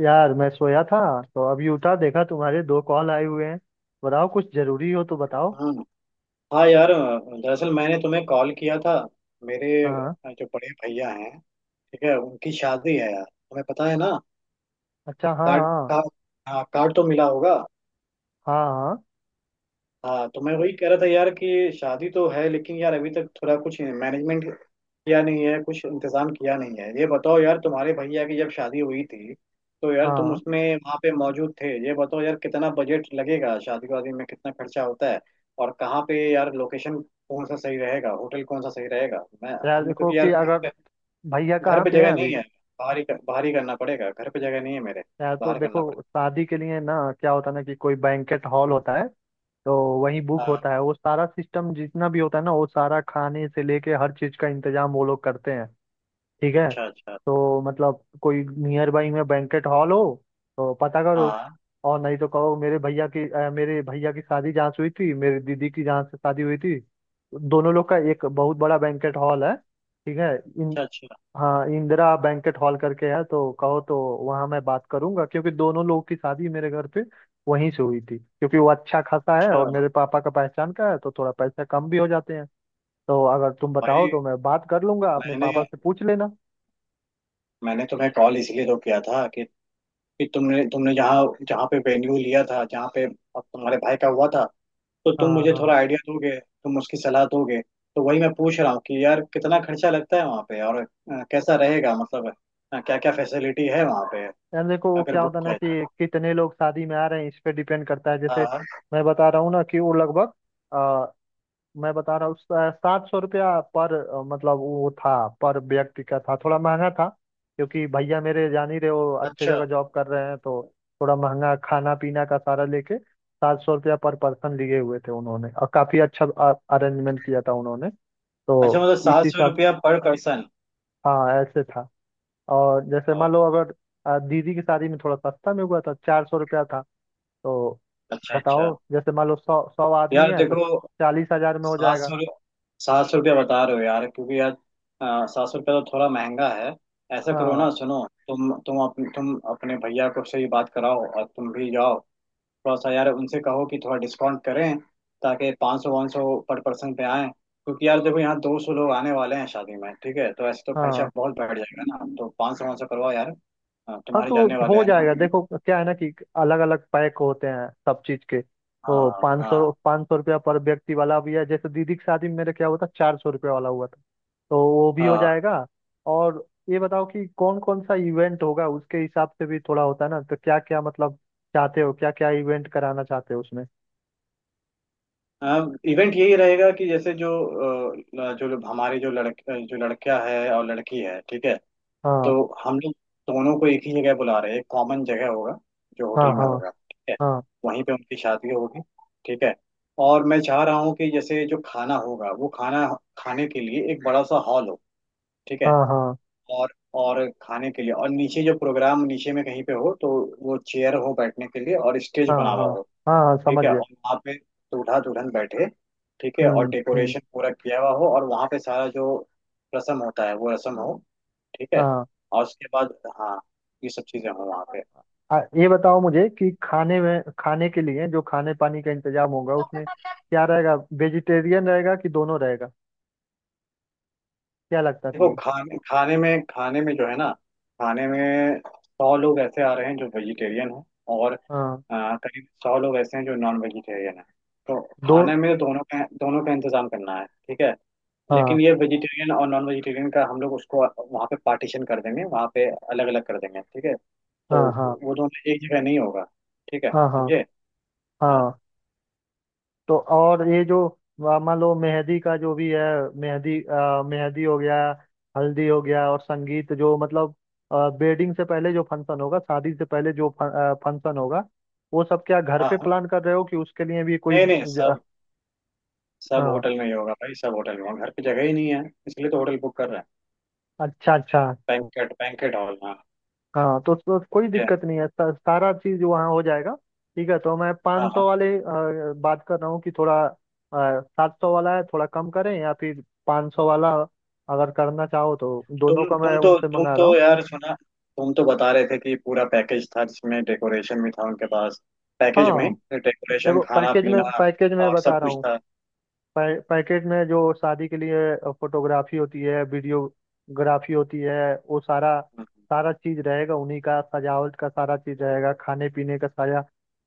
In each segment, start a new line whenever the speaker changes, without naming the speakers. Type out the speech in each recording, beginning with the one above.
यार मैं सोया था तो अभी उठा, देखा तुम्हारे दो कॉल आए हुए हैं। बताओ कुछ जरूरी हो तो बताओ।
हाँ हाँ। यार दरअसल मैंने तुम्हें कॉल किया था। मेरे
हाँ।
जो बड़े भैया हैं ठीक है उनकी शादी है यार तुम्हें पता है ना।
अच्छा, हाँ
कार्ड
हाँ।
का हाँ कार्ड तो मिला होगा।
हाँ हाँ।
हाँ तो मैं वही कह रहा था यार कि शादी तो है लेकिन यार अभी तक थोड़ा कुछ मैनेजमेंट किया नहीं है कुछ इंतजाम किया नहीं है। ये बताओ यार तुम्हारे भैया की जब शादी हुई थी तो यार तुम
हाँ
उसमें वहाँ पे मौजूद थे। ये बताओ यार कितना बजट लगेगा शादी वादी में कितना खर्चा होता है और कहाँ पे यार लोकेशन कौन सा सही रहेगा होटल कौन सा सही रहेगा। मैं
यार
हम लोग
देखो
क्योंकि यार
कि अगर भैया
घर
कहाँ
पे
पे हैं
जगह
अभी।
नहीं है। बाहर ही करना पड़ेगा घर पे जगह नहीं है मेरे।
यार तो
बाहर करना
देखो
पड़ेगा।
शादी के लिए ना, क्या होता है ना कि कोई बैंकेट हॉल होता है। तो वहीं बुक
हाँ
होता है, वो सारा सिस्टम जितना भी होता है ना, वो सारा खाने से लेके हर चीज का इंतजाम वो लोग करते हैं। ठीक है।
अच्छा अच्छा।
तो मतलब कोई नियर बाई में बैंकेट हॉल हो तो पता करो।
हाँ
और नहीं तो कहो, मेरे भैया की मेरे भैया की शादी जहाँ से हुई थी, मेरी दीदी की जहाँ से शादी हुई थी, दोनों लोग का एक बहुत बड़ा बैंकेट हॉल है। ठीक है इन,
अच्छा अच्छा
हाँ इंदिरा बैंकेट हॉल करके है। तो कहो तो वहाँ मैं बात करूंगा, क्योंकि दोनों लोग की शादी मेरे घर पे वहीं से हुई थी। क्योंकि वो अच्छा खासा है और
अच्छा।
मेरे पापा का पहचान का है तो थोड़ा पैसा कम भी हो जाते हैं। तो अगर तुम बताओ
भाई
तो मैं बात कर लूंगा, अपने
मैंने
पापा से पूछ लेना।
मैंने तुम्हें कॉल इसलिए तो किया था कि तुमने तुमने जहाँ जहाँ पे वेन्यू लिया था जहाँ पे अब तुम्हारे भाई का हुआ था। तो तुम
हाँ
मुझे
हाँ।
थोड़ा आइडिया दोगे तुम उसकी सलाह दोगे तो वही मैं पूछ रहा हूँ कि यार कितना खर्चा लगता है वहाँ पे और कैसा रहेगा मतलब क्या क्या फैसिलिटी है वहाँ पे
यार देखो वो
अगर
क्या
बुक
होता है ना
किया
कि
जाए।
कितने लोग शादी में आ रहे हैं, इस पे डिपेंड करता है।
हाँ
जैसे
हाँ।
मैं बता रहा हूँ ना कि वो लगभग अ, मैं बता रहा हूँ, सात सौ रुपया पर मतलब वो था, पर व्यक्ति का था, थोड़ा महंगा था। क्योंकि भैया मेरे, जान ही रहे हो, अच्छे
अच्छा
जगह जॉब कर रहे हैं तो थोड़ा महंगा खाना पीना का सारा लेके सात सौ रुपया पर पर्सन लिए हुए थे उन्होंने। और काफी अच्छा अरेंजमेंट किया था उन्होंने।
अच्छा
तो
मतलब
इस
700
हिसाब,
रुपया पर पर्सन।
हाँ ऐसे था। और जैसे मान लो अगर दीदी की शादी में थोड़ा सस्ता में हुआ था, चार सौ रुपया था। तो
अच्छा अच्छा।
बताओ जैसे मान लो सौ सौ आदमी
यार
है तो
देखो
चालीस हजार में हो
सात
जाएगा।
सौ सात सौ रुपया बता रहे हो यार क्योंकि यार 700 रुपया तो थोड़ा महंगा है। ऐसा करो
हाँ
ना सुनो तुम अपने भैया को से ही बात कराओ और तुम भी जाओ। थोड़ा सा यार उनसे कहो कि थोड़ा डिस्काउंट करें ताकि 500 500 पर पर्सन पे आए क्योंकि यार देखो यहाँ 200 लोग आने वाले हैं शादी में ठीक है तो ऐसे तो खर्चा
हाँ।
बहुत बढ़ जाएगा ना तो 500 500 करवाओ यार। हाँ,
हाँ
तुम्हारे
तो
जानने वाले
हो
हैं ना।
जाएगा। देखो क्या है ना कि अलग अलग पैक होते हैं सब चीज के। तो
हाँ हाँ
पाँच सौ रुपया पर व्यक्ति वाला भी है, जैसे दीदी की शादी में मेरे क्या हुआ था, चार सौ रुपया वाला हुआ था। तो वो भी हो
हाँ।
जाएगा। और ये बताओ कि कौन कौन सा इवेंट होगा उसके हिसाब से भी थोड़ा होता है ना। तो क्या क्या मतलब चाहते हो, क्या क्या इवेंट कराना चाहते हो उसमें।
इवेंट यही रहेगा कि जैसे जो जो लोग- हमारे जो लड़के जो लड़का है और लड़की है ठीक है
हाँ
तो हम लोग दोनों को एक ही जगह बुला रहे हैं एक कॉमन जगह होगा जो
हाँ
होटल में
हाँ।
होगा ठीक है
हाँ।
वहीं पे उनकी शादी होगी। ठीक है। और मैं चाह रहा हूँ कि जैसे जो खाना होगा वो खाना खाने के लिए एक बड़ा सा हॉल हो। ठीक है।
हाँ हाँ।
और और खाने के लिए और नीचे जो प्रोग्राम नीचे में कहीं पे हो तो वो चेयर हो बैठने के लिए और स्टेज
हाँ
बना हुआ
हाँ।
हो।
हाँ हाँ
ठीक
समझ
है
गया।
और वहाँ पे दूल्हा दुल्हन बैठे। ठीक है और
हम्म।
डेकोरेशन पूरा किया हुआ हो और वहाँ पे सारा जो रस्म होता है वो रस्म हो। ठीक है।
हाँ
और उसके बाद हाँ ये सब चीजें हो वहाँ पे।
ये बताओ मुझे कि खाने में, खाने के लिए जो खाने पानी का इंतजाम होगा उसमें क्या रहेगा। वेजिटेरियन रहेगा कि दोनों रहेगा, क्या लगता है
देखो
तुम्हें।
खाने खाने में जो है ना खाने में 100 लोग ऐसे आ रहे हैं जो वेजिटेरियन हैं। और
हाँ
करीब 100 लोग ऐसे हैं जो नॉन वेजिटेरियन हैं। तो
दो,
खाने में दोनों का इंतजाम करना है ठीक है।
हाँ।
लेकिन ये वेजिटेरियन और नॉन वेजिटेरियन का हम लोग उसको वहाँ पे पार्टीशन कर देंगे वहाँ पे अलग अलग कर देंगे ठीक है। तो
हाँ हाँ।
वो दोनों एक जगह नहीं होगा। ठीक है
हाँ हाँ।
समझे। हाँ
हाँ तो और ये जो मान लो मेहंदी का जो भी है, मेहंदी मेहंदी हो गया, हल्दी हो गया, और संगीत जो मतलब वेडिंग से पहले जो फंक्शन होगा, शादी से पहले जो फंक्शन होगा, वो सब क्या घर
हाँ
पे
हाँ।
प्लान कर रहे हो कि उसके लिए भी कोई
नहीं नहीं सब सब
हाँ।
होटल में ही होगा भाई सब होटल में होगा घर पे जगह ही नहीं है। इसलिए तो होटल बुक कर रहे हैं।
अच्छा अच्छा।
बैंकेट बैंकेट हॉल हाँ।
हाँ तो कोई
ठीक है।
दिक्कत नहीं है, सारा चीज वहाँ हो जाएगा। ठीक है तो मैं
हाँ
500 सौ
हाँ
वाले बात कर रहा हूँ कि थोड़ा सात सौ वाला है, थोड़ा कम करें या फिर 500 सौ वाला अगर करना चाहो तो
तुम
दोनों का मैं
तुम तो
उनसे मंगा रहा हूँ।
यार सुना तुम तो बता रहे थे कि पूरा पैकेज था जिसमें डेकोरेशन भी था उनके पास। पैकेज में
हाँ
डेकोरेशन
देखो
खाना
पैकेज में,
पीना
पैकेज में
और सब
बता रहा
कुछ
हूँ,
था।
पैकेट में जो शादी के लिए फोटोग्राफी होती है, वीडियोग्राफी होती है, वो सारा
हम्म,
सारा चीज रहेगा उन्हीं का, सजावट का सारा चीज रहेगा, खाने पीने का सारा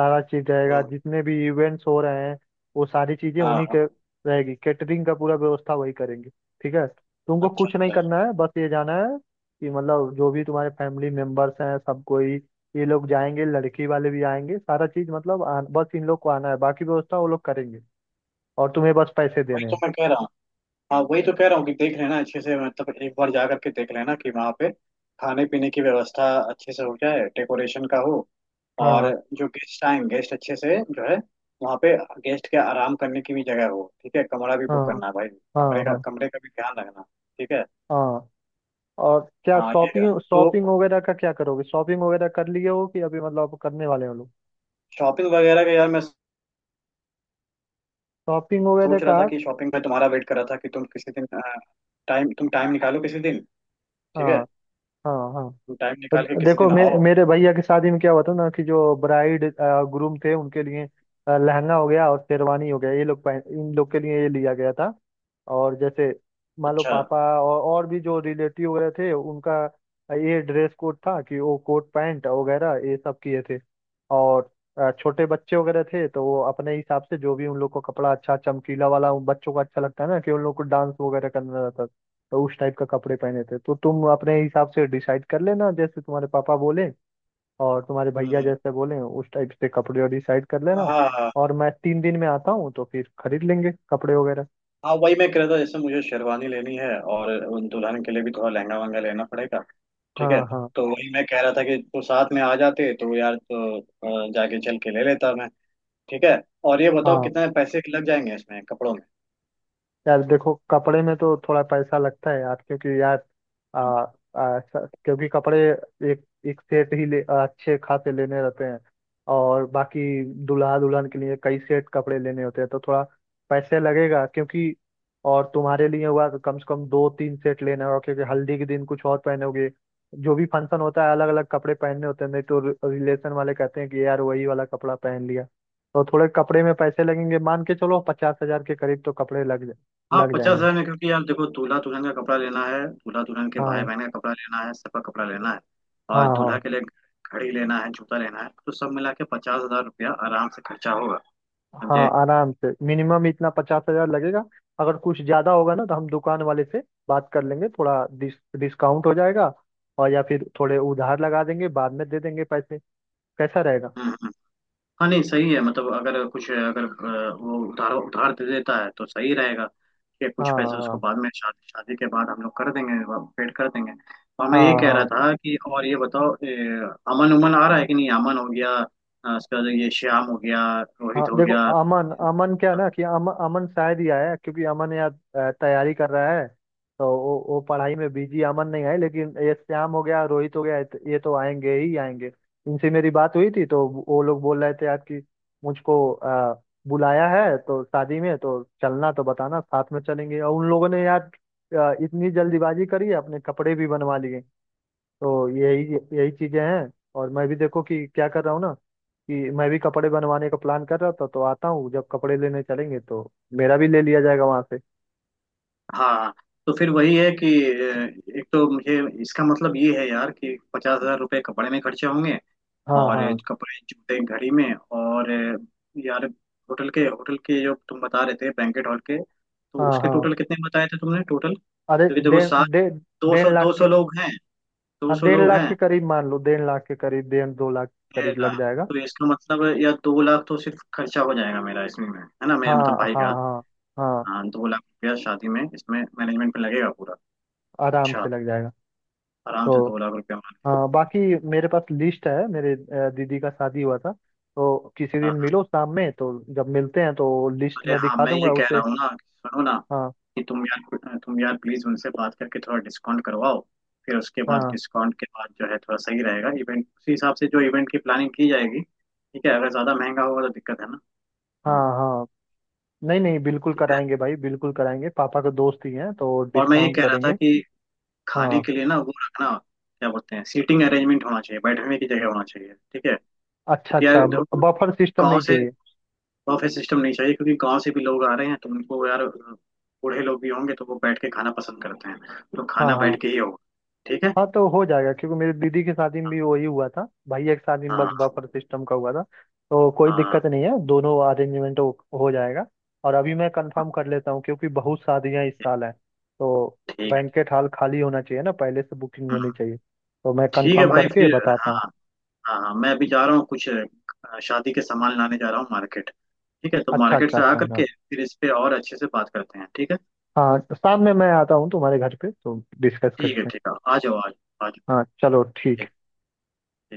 सारा चीज रहेगा।
हम्म,
जितने भी इवेंट्स हो रहे हैं, वो सारी चीजें
हाँ
उन्हीं
हाँ।
के रहेगी। कैटरिंग का पूरा व्यवस्था वही करेंगे। ठीक है तुमको
अच्छा
कुछ नहीं
अच्छा
करना है, बस ये जाना है कि मतलब जो भी तुम्हारे फैमिली मेंबर्स हैं सब कोई, ये लोग जाएंगे, लड़की वाले भी आएंगे, सारा चीज मतलब बस इन लोग को आना है, बाकी व्यवस्था वो लोग करेंगे। और तुम्हें बस पैसे
वही
देने
तो
हैं।
मैं कह रहा हाँ वही तो कह रहा हूँ कि देख लेना अच्छे से मतलब एक बार जा करके देख लेना कि वहाँ पे खाने पीने की व्यवस्था अच्छे से हो जाए डेकोरेशन का हो। और
हाँ
जो गेस्ट आए गेस्ट अच्छे से जो है वहाँ पे गेस्ट के आराम करने की भी जगह हो ठीक है। कमरा भी बुक
हाँ।
करना भाई कमरे
हाँ
का
हाँ।
कमरे का भी ध्यान रखना। ठीक है।
हाँ। और क्या,
हाँ ये
शॉपिंग
तो
शॉपिंग वगैरह का क्या करोगे, शॉपिंग वगैरह कर लिए हो कि अभी मतलब करने वाले हो लोग।
शॉपिंग वगैरह का यार मैं
शॉपिंग वगैरह
सोच
का
रहा था
आप,
कि शॉपिंग में तुम्हारा वेट कर रहा था कि तुम किसी दिन टाइम निकालो किसी दिन ठीक है।
हाँ हाँ। हाँ
तुम टाइम
तो
निकाल के किसी
देखो
दिन आओ।
मेरे भैया की शादी में क्या हुआ था ना कि जो ब्राइड ग्रूम थे उनके लिए लहंगा हो गया और शेरवानी हो गया, ये लोग पहन, इन लोग के लिए ये लिया गया था। और जैसे मान लो
अच्छा
पापा और भी जो रिलेटिव वगैरह थे उनका ये ड्रेस कोड था कि वो कोट पैंट वगैरह ये सब किए थे। और छोटे बच्चे वगैरह थे तो वो अपने हिसाब से, जो भी उन लोग को कपड़ा अच्छा चमकीला वाला, उन बच्चों को अच्छा लगता है ना कि उन लोग को डांस वगैरह करना रहता था, तो उस टाइप का कपड़े पहने थे। तो तुम अपने हिसाब से डिसाइड कर लेना, जैसे तुम्हारे पापा बोले और तुम्हारे भैया
हम्म।
जैसे बोले उस टाइप से कपड़े डिसाइड कर लेना।
हाँ
और मैं तीन दिन में आता हूँ तो फिर खरीद लेंगे कपड़े वगैरह।
हाँ वही मैं कह रहा था जैसे मुझे शेरवानी लेनी है और उन दुल्हन के लिए भी थोड़ा लहंगा वहंगा लेना पड़ेगा। ठीक है।
हाँ हाँ।
तो वही मैं कह रहा था कि तो साथ में आ जाते तो यार तो जाके चल के ले लेता मैं। ठीक है। और ये बताओ
हाँ
कितने पैसे लग जाएंगे इसमें कपड़ों में।
यार देखो कपड़े में तो थोड़ा पैसा लगता है यार, क्योंकि यार आ, आ, स- क्योंकि कपड़े एक एक सेट ही ले, अच्छे खासे लेने रहते हैं। और बाकी दूल्हा दुल्हन के लिए कई सेट कपड़े लेने होते हैं तो थोड़ा पैसे लगेगा। क्योंकि और तुम्हारे लिए हुआ तो कम से कम दो तीन सेट लेना होगा, क्योंकि हल्दी के दिन कुछ और पहनोगे, जो भी फंक्शन होता है अलग अलग कपड़े पहनने होते हैं। नहीं तो रिलेशन वाले कहते हैं कि यार वही वाला कपड़ा पहन लिया। तो थोड़े कपड़े में पैसे लगेंगे, मान के चलो पचास हजार के करीब तो कपड़े लग
हाँ
लग
पचास
जाएंगे।
हजार में क्योंकि यार देखो दूल्हा दुल्हन का कपड़ा लेना है दूल्हा दुल्हन के भाई
हाँ
बहन का कपड़ा लेना है सबका कपड़ा लेना है।
हाँ।
और दूल्हा
हाँ
के लिए घड़ी लेना है जूता लेना है तो सब मिला के 50,000 रुपया आराम से खर्चा होगा।
हाँ
समझे।
आराम से मिनिमम इतना, पचास हजार लगेगा। अगर कुछ ज्यादा होगा ना तो हम दुकान वाले से बात कर लेंगे, थोड़ा डिस डिस्काउंट हो जाएगा। और या फिर थोड़े उधार लगा देंगे, बाद में दे देंगे पैसे, कैसा रहेगा।
हम्म हाँ नहीं सही है मतलब अगर कुछ अगर वो उधार उधार दे देता है तो सही रहेगा कि
हाँ
कुछ पैसे उसको
हाँ।
बाद में शादी शादी के बाद हम लोग कर देंगे। पेड कर देंगे। और मैं ये
हाँ
कह
हाँ।
रहा था कि और ये बताओ अमन उमन आ रहा है कि नहीं। अमन हो गया उसके बाद ये श्याम हो गया
हाँ
रोहित हो
देखो
गया।
अमन, अमन क्या है ना कि अमन, अमन शायद ही आया है, क्योंकि अमन यहाँ तैयारी कर रहा है तो वो पढ़ाई में बिजी, अमन नहीं आए। लेकिन ये श्याम हो गया, रोहित हो गया, ये तो आएंगे ही आएंगे। इनसे मेरी बात हुई थी तो वो लोग बोल रहे थे यार कि मुझको बुलाया है तो शादी में तो चलना, तो बताना साथ में चलेंगे। और उन लोगों ने यार इतनी जल्दीबाजी करी है, अपने कपड़े भी बनवा लिए। तो यही यही चीजें हैं। और मैं भी देखो कि क्या कर रहा हूँ ना कि मैं भी कपड़े बनवाने का प्लान कर रहा था, तो आता हूँ जब कपड़े लेने चलेंगे तो मेरा भी ले लिया जाएगा वहां से।
हाँ तो फिर वही है कि एक तो मुझे इसका मतलब ये है यार कि 50,000 रुपये कपड़े में खर्चे होंगे।
हाँ
और
हाँ।
कपड़े जूते घड़ी में और यार होटल के जो तुम बता रहे थे बैंकेट हॉल के तो
हाँ
उसके
हाँ।
टोटल कितने बताए थे तुमने टोटल
अरे
क्योंकि देखो
डेढ़
सात
डेढ़,
दो सौ
डेढ़
दो
लाख के,
सौ लोग हैं दो
हाँ
सौ
डेढ़
लोग
लाख के
हैं।
करीब, मान लो डेढ़ लाख के करीब, डेढ़ दो लाख के
डेढ़
करीब लग
लाख
जाएगा।
तो इसका मतलब है या 2,00,000 तो सिर्फ खर्चा हो जाएगा मेरा इसमें में है ना मेरे
हाँ
मतलब भाई
हाँ।
का।
हाँ हाँ
हाँ 2,00,000 रुपया शादी में इसमें मैनेजमेंट में लगेगा पूरा।
आराम
अच्छा
से लग जाएगा।
आराम से
तो
2,00,000 रुपया मान।
हाँ बाकी, मेरे पास लिस्ट है मेरे दीदी का शादी हुआ था, तो किसी
हाँ,
दिन मिलो शाम में, तो जब मिलते हैं तो लिस्ट
अरे
में
हाँ
दिखा
मैं ये
दूंगा
कह रहा
उसे।
हूँ ना कि सुनो ना
हाँ
कि तुम यार प्लीज उनसे बात करके थोड़ा डिस्काउंट करवाओ। फिर उसके बाद
हाँ।
डिस्काउंट के बाद जो है थोड़ा सही रहेगा इवेंट उसी हिसाब से जो इवेंट की प्लानिंग की जाएगी ठीक है अगर ज्यादा महंगा होगा तो दिक्कत है ना। हाँ
हाँ हाँ, नहीं नहीं बिल्कुल
ठीक है।
कराएंगे भाई, बिल्कुल कराएंगे, पापा के दोस्त ही हैं तो
और मैं ये
डिस्काउंट
कह रहा था
करेंगे।
कि खाने
हाँ।
के लिए ना वो रखना क्या बोलते हैं सीटिंग अरेंजमेंट होना चाहिए बैठने की जगह होना चाहिए ठीक है।
अच्छा
क्योंकि यार
अच्छा।
देखो,
बफर सिस्टम
गाँव
नहीं
से
चाहिए।
बफे सिस्टम नहीं चाहिए क्योंकि गांव से भी लोग आ रहे हैं तो उनको यार बूढ़े लोग भी होंगे तो वो बैठ के खाना पसंद करते हैं। तो
हाँ
खाना
हाँ।
बैठ के ही होगा। ठीक है।
हाँ तो हो जाएगा, क्योंकि मेरी दीदी की शादी में भी वही हुआ था, भैया की शादी में बस
हाँ
बफर सिस्टम का हुआ था। तो कोई
हाँ
दिक्कत नहीं है, दोनों अरेंजमेंट हो जाएगा। और अभी मैं कंफर्म कर लेता हूँ क्योंकि बहुत शादियाँ इस साल हैं, तो
ठीक है।
बैंकेट हॉल खाली होना चाहिए ना, पहले से बुकिंग होनी
हाँ,
चाहिए, तो मैं
ठीक है
कंफर्म
भाई
करके
फिर।
बताता
हाँ
हूँ।
हाँ हाँ मैं अभी जा रहा हूँ कुछ शादी के सामान लाने जा रहा हूँ मार्केट। ठीक है तो
अच्छा
मार्केट
अच्छा
से आ
अच्छा अच्छा।
करके फिर इस पे और अच्छे से बात करते हैं ठीक है।
हाँ शाम में मैं आता हूँ तुम्हारे घर पे तो डिस्कस
ठीक है
करते हैं।
ठीक है आ जाओ आ जाओ आ जाओ। ठीक
हाँ चलो ठीक
ठीक।
है।